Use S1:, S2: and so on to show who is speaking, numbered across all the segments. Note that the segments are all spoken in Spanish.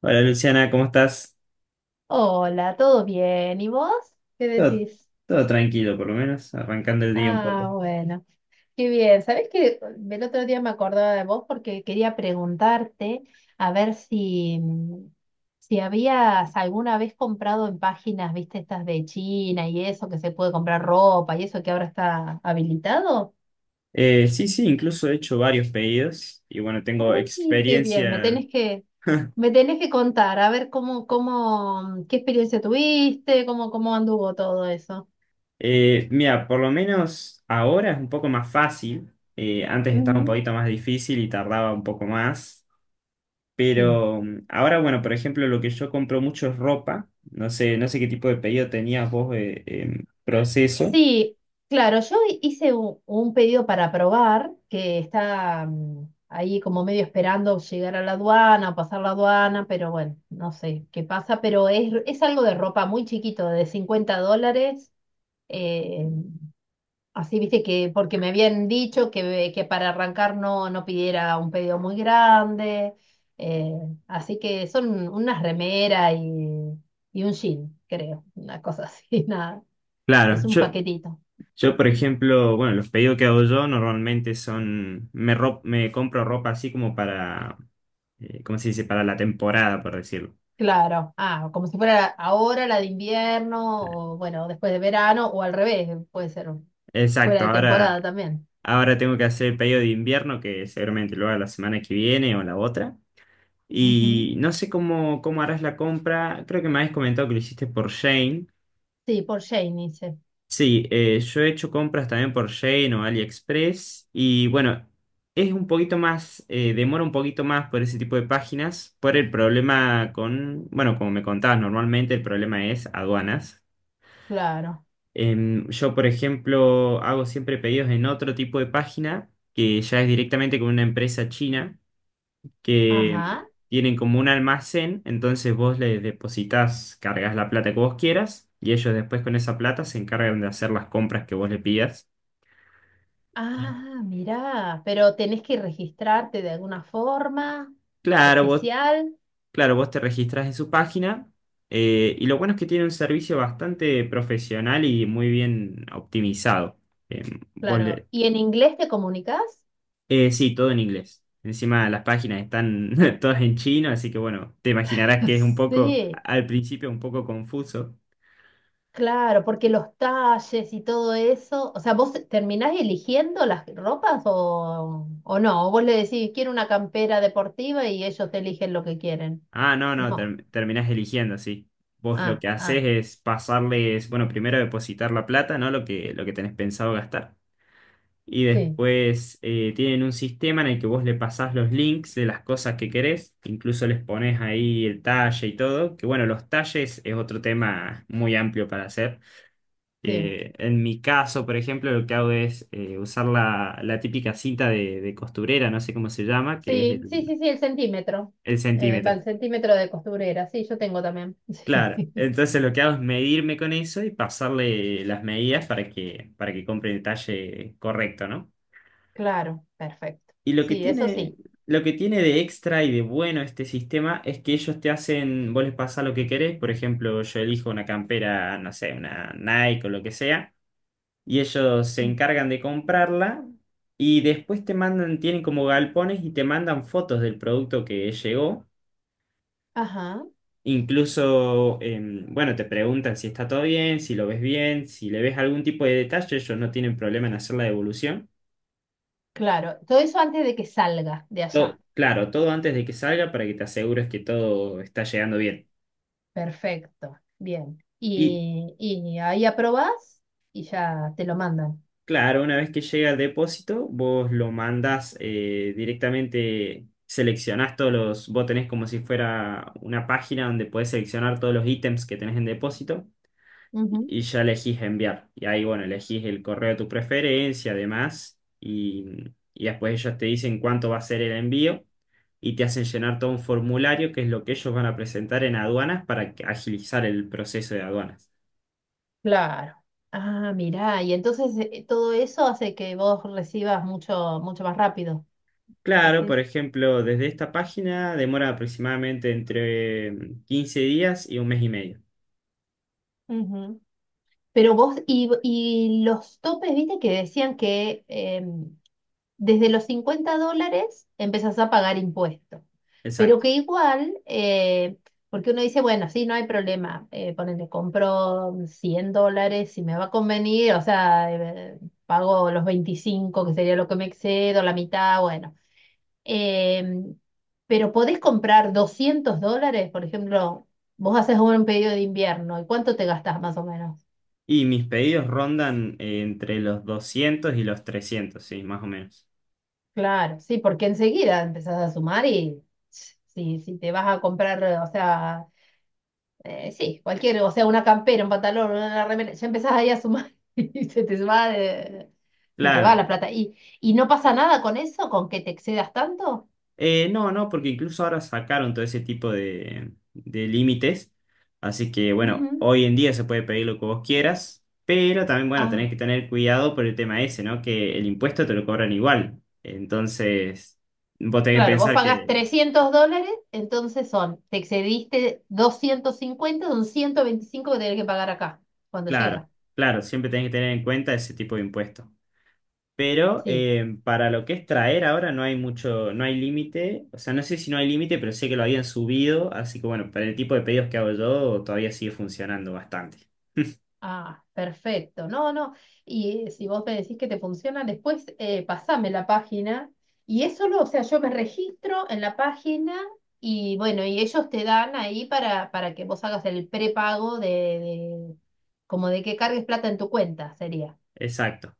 S1: Hola Luciana, ¿cómo estás?
S2: Hola, ¿todo bien? ¿Y vos? ¿Qué
S1: Todo,
S2: decís?
S1: todo tranquilo, por lo menos, arrancando el día un
S2: Ah,
S1: poco.
S2: bueno, qué bien. ¿Sabés que el otro día me acordaba de vos porque quería preguntarte a ver si habías alguna vez comprado en páginas, viste, estas de China y eso, que se puede comprar ropa y eso que ahora está habilitado?
S1: Sí, sí, incluso he hecho varios pedidos y bueno, tengo
S2: Uy, qué bien, me
S1: experiencia.
S2: tenés que, me tenés que contar, a ver qué experiencia tuviste, cómo anduvo todo eso.
S1: Mira, por lo menos ahora es un poco más fácil. Antes estaba un
S2: Ujú.
S1: poquito más difícil y tardaba un poco más.
S2: Sí.
S1: Pero ahora, bueno, por ejemplo, lo que yo compro mucho es ropa. No sé, no sé qué tipo de pedido tenías vos en proceso.
S2: Sí, claro, yo hice un pedido para probar que está ahí como medio esperando llegar a la aduana, pasar la aduana, pero bueno, no sé qué pasa, pero es algo de ropa muy chiquito, de 50 dólares. eh, Así viste que, porque me habían dicho que para arrancar no pidiera un pedido muy grande, eh, así que son unas remeras y un jean, creo, una cosa así, nada,
S1: Claro,
S2: es un
S1: yo,
S2: paquetito.
S1: Yo, por ejemplo, bueno, los pedidos que hago yo normalmente son, me, me compro ropa así como para, ¿cómo se dice? Para la temporada, por decirlo.
S2: Claro, ah, como si fuera ahora la de invierno, o bueno, después de verano, o al revés, puede ser fuera
S1: Exacto,
S2: de
S1: ahora,
S2: temporada también.
S1: Ahora tengo que hacer el pedido de invierno, que seguramente lo haga la semana que viene o la otra.
S2: Ujú.
S1: Y no sé cómo, cómo harás la compra, creo que me habías comentado que lo hiciste por Shane.
S2: Sí, por Shane dice,
S1: Sí, yo he hecho compras también por Shein o AliExpress y bueno, es un poquito más, demora un poquito más por ese tipo de páginas, por el problema con, bueno, como me contabas, normalmente el problema es aduanas.
S2: claro.
S1: Yo, por ejemplo, hago siempre pedidos en otro tipo de página que ya es directamente con una empresa china que
S2: Ajá.
S1: tienen como un almacén, entonces vos les depositas, cargas la plata que vos quieras y ellos después con esa plata se encargan de hacer las compras que vos le pidas.
S2: Ah, mirá, pero tenés que registrarte de alguna forma
S1: Claro, vos,
S2: especial,
S1: claro, vos te registras en su página y lo bueno es que tiene un servicio bastante profesional y muy bien optimizado. Eh, vos
S2: claro.
S1: le-
S2: ¿Y en inglés te comunicas?
S1: sí, todo en inglés. Encima las páginas están todas en chino, así que bueno, te imaginarás que es un poco,
S2: Sí,
S1: al principio un poco confuso.
S2: claro, porque los talles y todo eso, o sea, ¿vos terminás eligiendo las ropas o no? ¿O vos le decís, quiero una campera deportiva y ellos te eligen lo que quieren?
S1: Ah, no, no,
S2: No.
S1: terminás eligiendo, sí. Vos lo
S2: Ah,
S1: que haces
S2: ah,
S1: es pasarles, bueno, primero depositar la plata, ¿no? Lo que tenés pensado gastar. Y
S2: sí,
S1: después tienen un sistema en el que vos le pasás los links de las cosas que querés, incluso les pones ahí el talle y todo, que bueno, los talles es otro tema muy amplio para hacer.
S2: sí.
S1: En mi caso, por ejemplo, lo que hago es usar la, la típica cinta de costurera, no sé cómo se llama, que es
S2: Sí, sí, sí, sí, el centímetro.
S1: el
S2: Va
S1: centímetro.
S2: el centímetro de costurera, sí, yo tengo también.
S1: Claro,
S2: Sí.
S1: entonces lo que hago es medirme con eso y pasarle las medidas para que compre el talle correcto, ¿no?
S2: Claro, perfecto.
S1: Y lo que
S2: Sí, eso
S1: tiene,
S2: sí.
S1: lo que tiene de extra y de bueno este sistema es que ellos te hacen, vos les pasás lo que querés, por ejemplo, yo elijo una campera, no sé, una Nike o lo que sea, y ellos se
S2: Mm.
S1: encargan de comprarla y después te mandan, tienen como galpones y te mandan fotos del producto que llegó.
S2: Ajá,
S1: Incluso, bueno, te preguntan si está todo bien, si lo ves bien, si le ves algún tipo de detalle, ellos no tienen problema en hacer la devolución.
S2: claro. Todo eso antes de que salga de allá.
S1: Claro, todo antes de que salga para que te asegures que todo está llegando bien.
S2: Perfecto, bien.
S1: Y
S2: Y ahí aprobás y ya te lo mandan.
S1: claro, una vez que llega al depósito, vos lo mandás directamente, seleccionás todos los, vos tenés como si fuera una página donde podés seleccionar todos los ítems que tenés en depósito
S2: Ujú.
S1: y ya elegís enviar. Y ahí, bueno, elegís el correo de tu preferencia, además, y después ellos te dicen cuánto va a ser el envío y te hacen llenar todo un formulario que es lo que ellos van a presentar en aduanas para que- agilizar el proceso de aduanas.
S2: Claro. Ah, mirá, y entonces todo eso hace que vos recibas mucho, mucho más rápido,
S1: Claro, por
S2: decís.
S1: ejemplo, desde esta página demora aproximadamente entre 15 días y un mes y medio.
S2: Ujú. Pero vos, y los topes, viste que decían que desde los 50 dólares empezás a pagar impuestos. Pero
S1: Exacto.
S2: que igual, porque uno dice, bueno, sí, no hay problema, ponele, compro 100 dólares si me va a convenir, o sea, pago los 25 que sería lo que me excedo, la mitad, bueno. Eh, pero podés comprar 200 dólares, por ejemplo, vos haces un pedido de invierno, ¿y cuánto te gastás más o menos?
S1: Y mis pedidos rondan entre los 200 y los 300 sí, más o menos.
S2: Claro, sí, porque enseguida empezás a sumar y si te vas a comprar, o sea, sí, cualquier, o sea, una campera, un pantalón, una remera, ya empezás ahí a sumar y se te va la
S1: Claro.
S2: plata. ¿Y no pasa nada con eso, con que te excedas tanto?
S1: No, no, porque incluso ahora sacaron todo ese tipo de límites. Así que bueno,
S2: Ujú.
S1: hoy en día se puede pedir lo que vos quieras, pero también bueno, tenés
S2: Ah,
S1: que tener cuidado por el tema ese, ¿no? Que el impuesto te lo cobran igual. Entonces, vos tenés que
S2: claro, vos
S1: pensar
S2: pagás
S1: que,
S2: 300 dólares, entonces son, te excediste 250, son 125 que tenés que pagar acá cuando
S1: claro,
S2: llega.
S1: claro, siempre tenés que tener en cuenta ese tipo de impuestos. Pero
S2: Sí.
S1: para lo que es traer ahora no hay mucho, no hay límite. O sea, no sé si no hay límite, pero sé que lo habían subido. Así que bueno, para el tipo de pedidos que hago yo todavía sigue funcionando bastante.
S2: Ah, perfecto. No, no. Y si vos me decís que te funciona, después pasame la página. Y es solo, o sea, yo me registro en la página y bueno, y ellos te dan ahí para, que vos hagas el prepago como de que cargues plata en tu cuenta, sería.
S1: Exacto.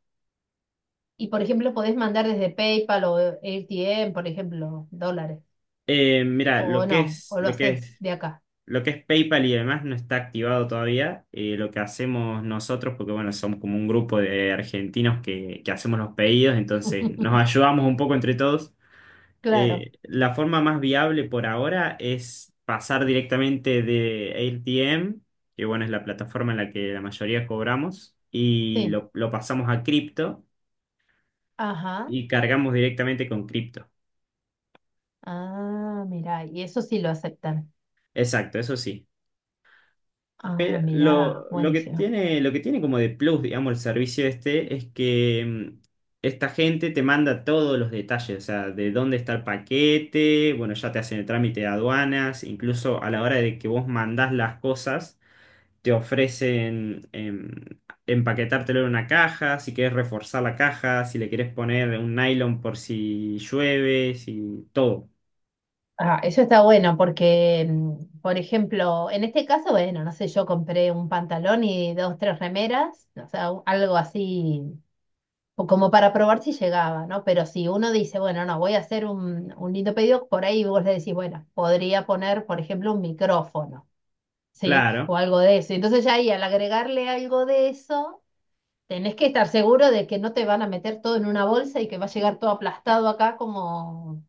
S2: Y por ejemplo, podés mandar desde PayPal o AirTM, por ejemplo, dólares.
S1: Mira,
S2: O no, o lo haces de acá.
S1: lo que es PayPal y demás no está activado todavía. Lo que hacemos nosotros, porque bueno, somos como un grupo de argentinos que hacemos los pedidos, entonces nos ayudamos un poco entre todos.
S2: Claro,
S1: La forma más viable por ahora es pasar directamente de AirTM, que bueno, es la plataforma en la que la mayoría cobramos, y
S2: sí.
S1: lo pasamos a cripto
S2: Ajá.
S1: y cargamos directamente con cripto.
S2: Ah, mira, y eso sí lo aceptan.
S1: Exacto, eso sí.
S2: Ah,
S1: Pero
S2: mirá, buenísimo.
S1: lo que tiene como de plus, digamos, el servicio este es que esta gente te manda todos los detalles, o sea, de dónde está el paquete, bueno, ya te hacen el trámite de aduanas, incluso a la hora de que vos mandás las cosas, te ofrecen empaquetártelo en una caja, si querés reforzar la caja, si le querés poner un nylon por si llueve, si todo.
S2: Ah, eso está bueno porque, por ejemplo, en este caso, bueno, no sé, yo compré un pantalón y dos, tres remeras, o sea, algo así o como para probar si llegaba, ¿no? Pero si uno dice, bueno, no, voy a hacer un lindo pedido, por ahí vos le decís, bueno, podría poner, por ejemplo, un micrófono, ¿sí? O
S1: Claro,
S2: algo de eso. Entonces ya ahí al agregarle algo de eso, tenés que estar seguro de que no te van a meter todo en una bolsa y que va a llegar todo aplastado acá como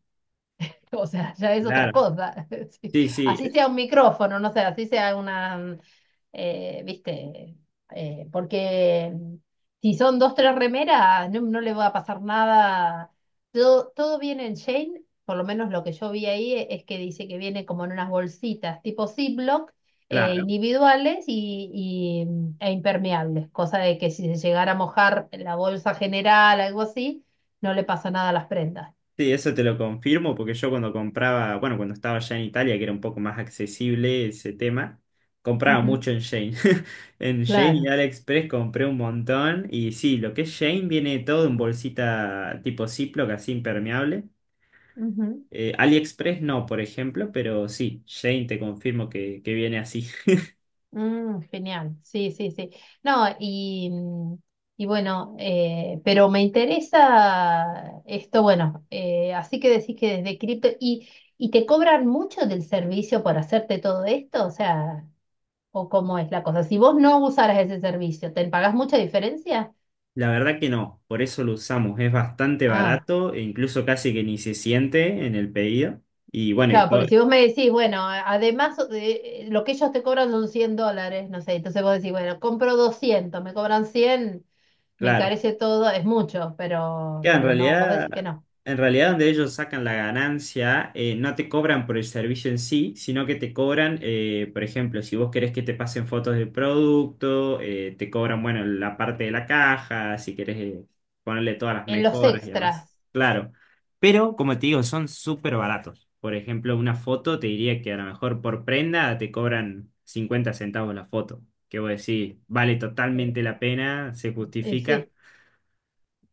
S2: O sea, ya es otra
S1: claro.
S2: cosa. Sí.
S1: Sí, sí,
S2: Así
S1: es-
S2: sea un micrófono, no sé, así sea una, viste, porque si son dos, tres remeras, no le va a pasar nada. Todo, todo viene en Shane, por lo menos lo que yo vi ahí es que dice que viene como en unas bolsitas tipo Ziploc,
S1: claro.
S2: individuales e impermeables, cosa de que si se llegara a mojar la bolsa general, algo así, no le pasa nada a las prendas.
S1: Sí, eso te lo confirmo porque yo cuando compraba, bueno, cuando estaba ya en Italia, que era un poco más accesible ese tema, compraba
S2: Ujú,
S1: mucho en Shane. En Shane y
S2: claro.
S1: AliExpress compré un montón y sí, lo que es Shein viene todo en bolsita tipo Ziploc, así impermeable.
S2: Ujú.
S1: AliExpress no, por ejemplo, pero sí, Shane te confirmo que viene así.
S2: Genial, sí, sí, sí. No, y, y bueno, pero me interesa esto, bueno, así que decís que desde cripto, ¿y te cobran mucho del servicio por hacerte todo esto? O sea, ¿o cómo es la cosa? Si vos no usaras ese servicio, ¿te pagás mucha diferencia?
S1: La verdad que no, por eso lo usamos, es bastante
S2: Ah,
S1: barato e incluso casi que ni se siente en el pedido. Y bueno, y
S2: claro,
S1: todo,
S2: porque si vos me decís, bueno, además lo que ellos te cobran son 100 dólares, no sé, entonces vos decís, bueno, compro 200, me cobran 100, me
S1: claro.
S2: encarece todo, es mucho, pero,
S1: Claro, en
S2: pero no, vos decís que
S1: realidad,
S2: no.
S1: en realidad donde ellos sacan la ganancia, no te cobran por el servicio en sí, sino que te cobran, por ejemplo, si vos querés que te pasen fotos del producto, te cobran, bueno, la parte de la caja, si querés, ponerle todas las
S2: En los
S1: mejoras y demás.
S2: extras.
S1: Claro. Pero, como te digo, son súper baratos. Por ejemplo, una foto te diría que a lo mejor por prenda te cobran 50 centavos la foto. Que vos decís, vale
S2: eh,
S1: totalmente la pena, se
S2: y
S1: justifica.
S2: sí,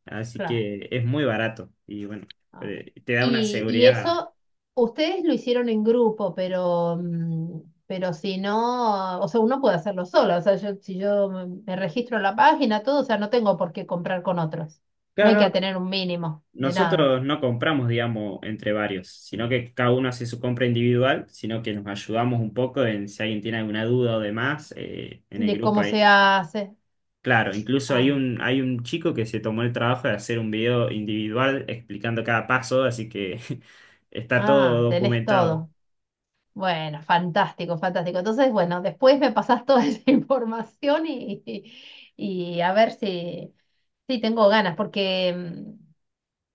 S1: Así
S2: claro.
S1: que es muy barato y bueno,
S2: Ah.
S1: te da una
S2: Y
S1: seguridad.
S2: eso, ustedes lo hicieron en grupo, pero si no, o sea, uno puede hacerlo solo. O sea, yo, si yo me registro en la página, todo, o sea, no tengo por qué comprar con otros. No hay
S1: Claro,
S2: que
S1: no,
S2: tener un mínimo de nada,
S1: nosotros no compramos, digamos, entre varios, sino que cada uno hace su compra individual, sino que nos ayudamos un poco en si alguien tiene alguna duda o demás, en el
S2: de
S1: grupo
S2: cómo se
S1: hay.
S2: hace.
S1: Claro, incluso
S2: Ah,
S1: hay un chico que se tomó el trabajo de hacer un video individual explicando cada paso, así que está todo
S2: ah, tenés
S1: documentado.
S2: todo. Bueno, fantástico, fantástico. Entonces, bueno, después me pasas toda esa información y a ver si, tengo ganas,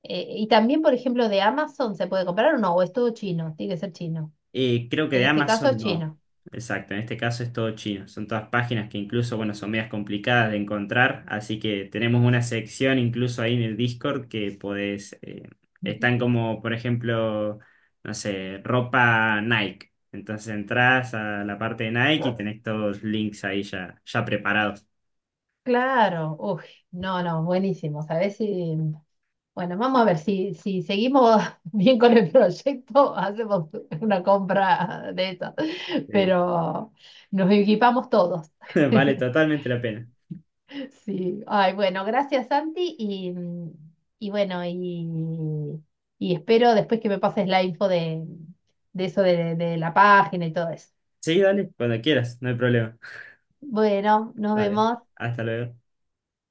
S2: y también, por ejemplo, de Amazon se puede comprar o no, o es todo chino, tiene que ser chino.
S1: Creo que
S2: En
S1: de
S2: este caso es
S1: Amazon no.
S2: chino.
S1: Exacto, en este caso es todo chino. Son todas páginas que incluso, bueno, son medias complicadas de encontrar, así que tenemos una sección incluso ahí en el Discord que podés,
S2: Ujú.
S1: están como, por ejemplo, no sé, ropa Nike. Entonces entras a la parte de Nike y wow, tenés todos los links ahí ya, ya preparados.
S2: Claro, uy, no, no, buenísimo. Sabes si... Bueno, vamos a ver si seguimos bien con el proyecto, hacemos una compra de esas,
S1: Sí.
S2: pero nos equipamos todos.
S1: Vale totalmente la pena.
S2: Sí, ay, bueno, gracias Santi y bueno, y espero después que me pases la info de eso de la página y todo eso.
S1: Sí, dale, cuando quieras, no hay problema.
S2: Bueno, nos
S1: Vale,
S2: vemos.
S1: hasta luego.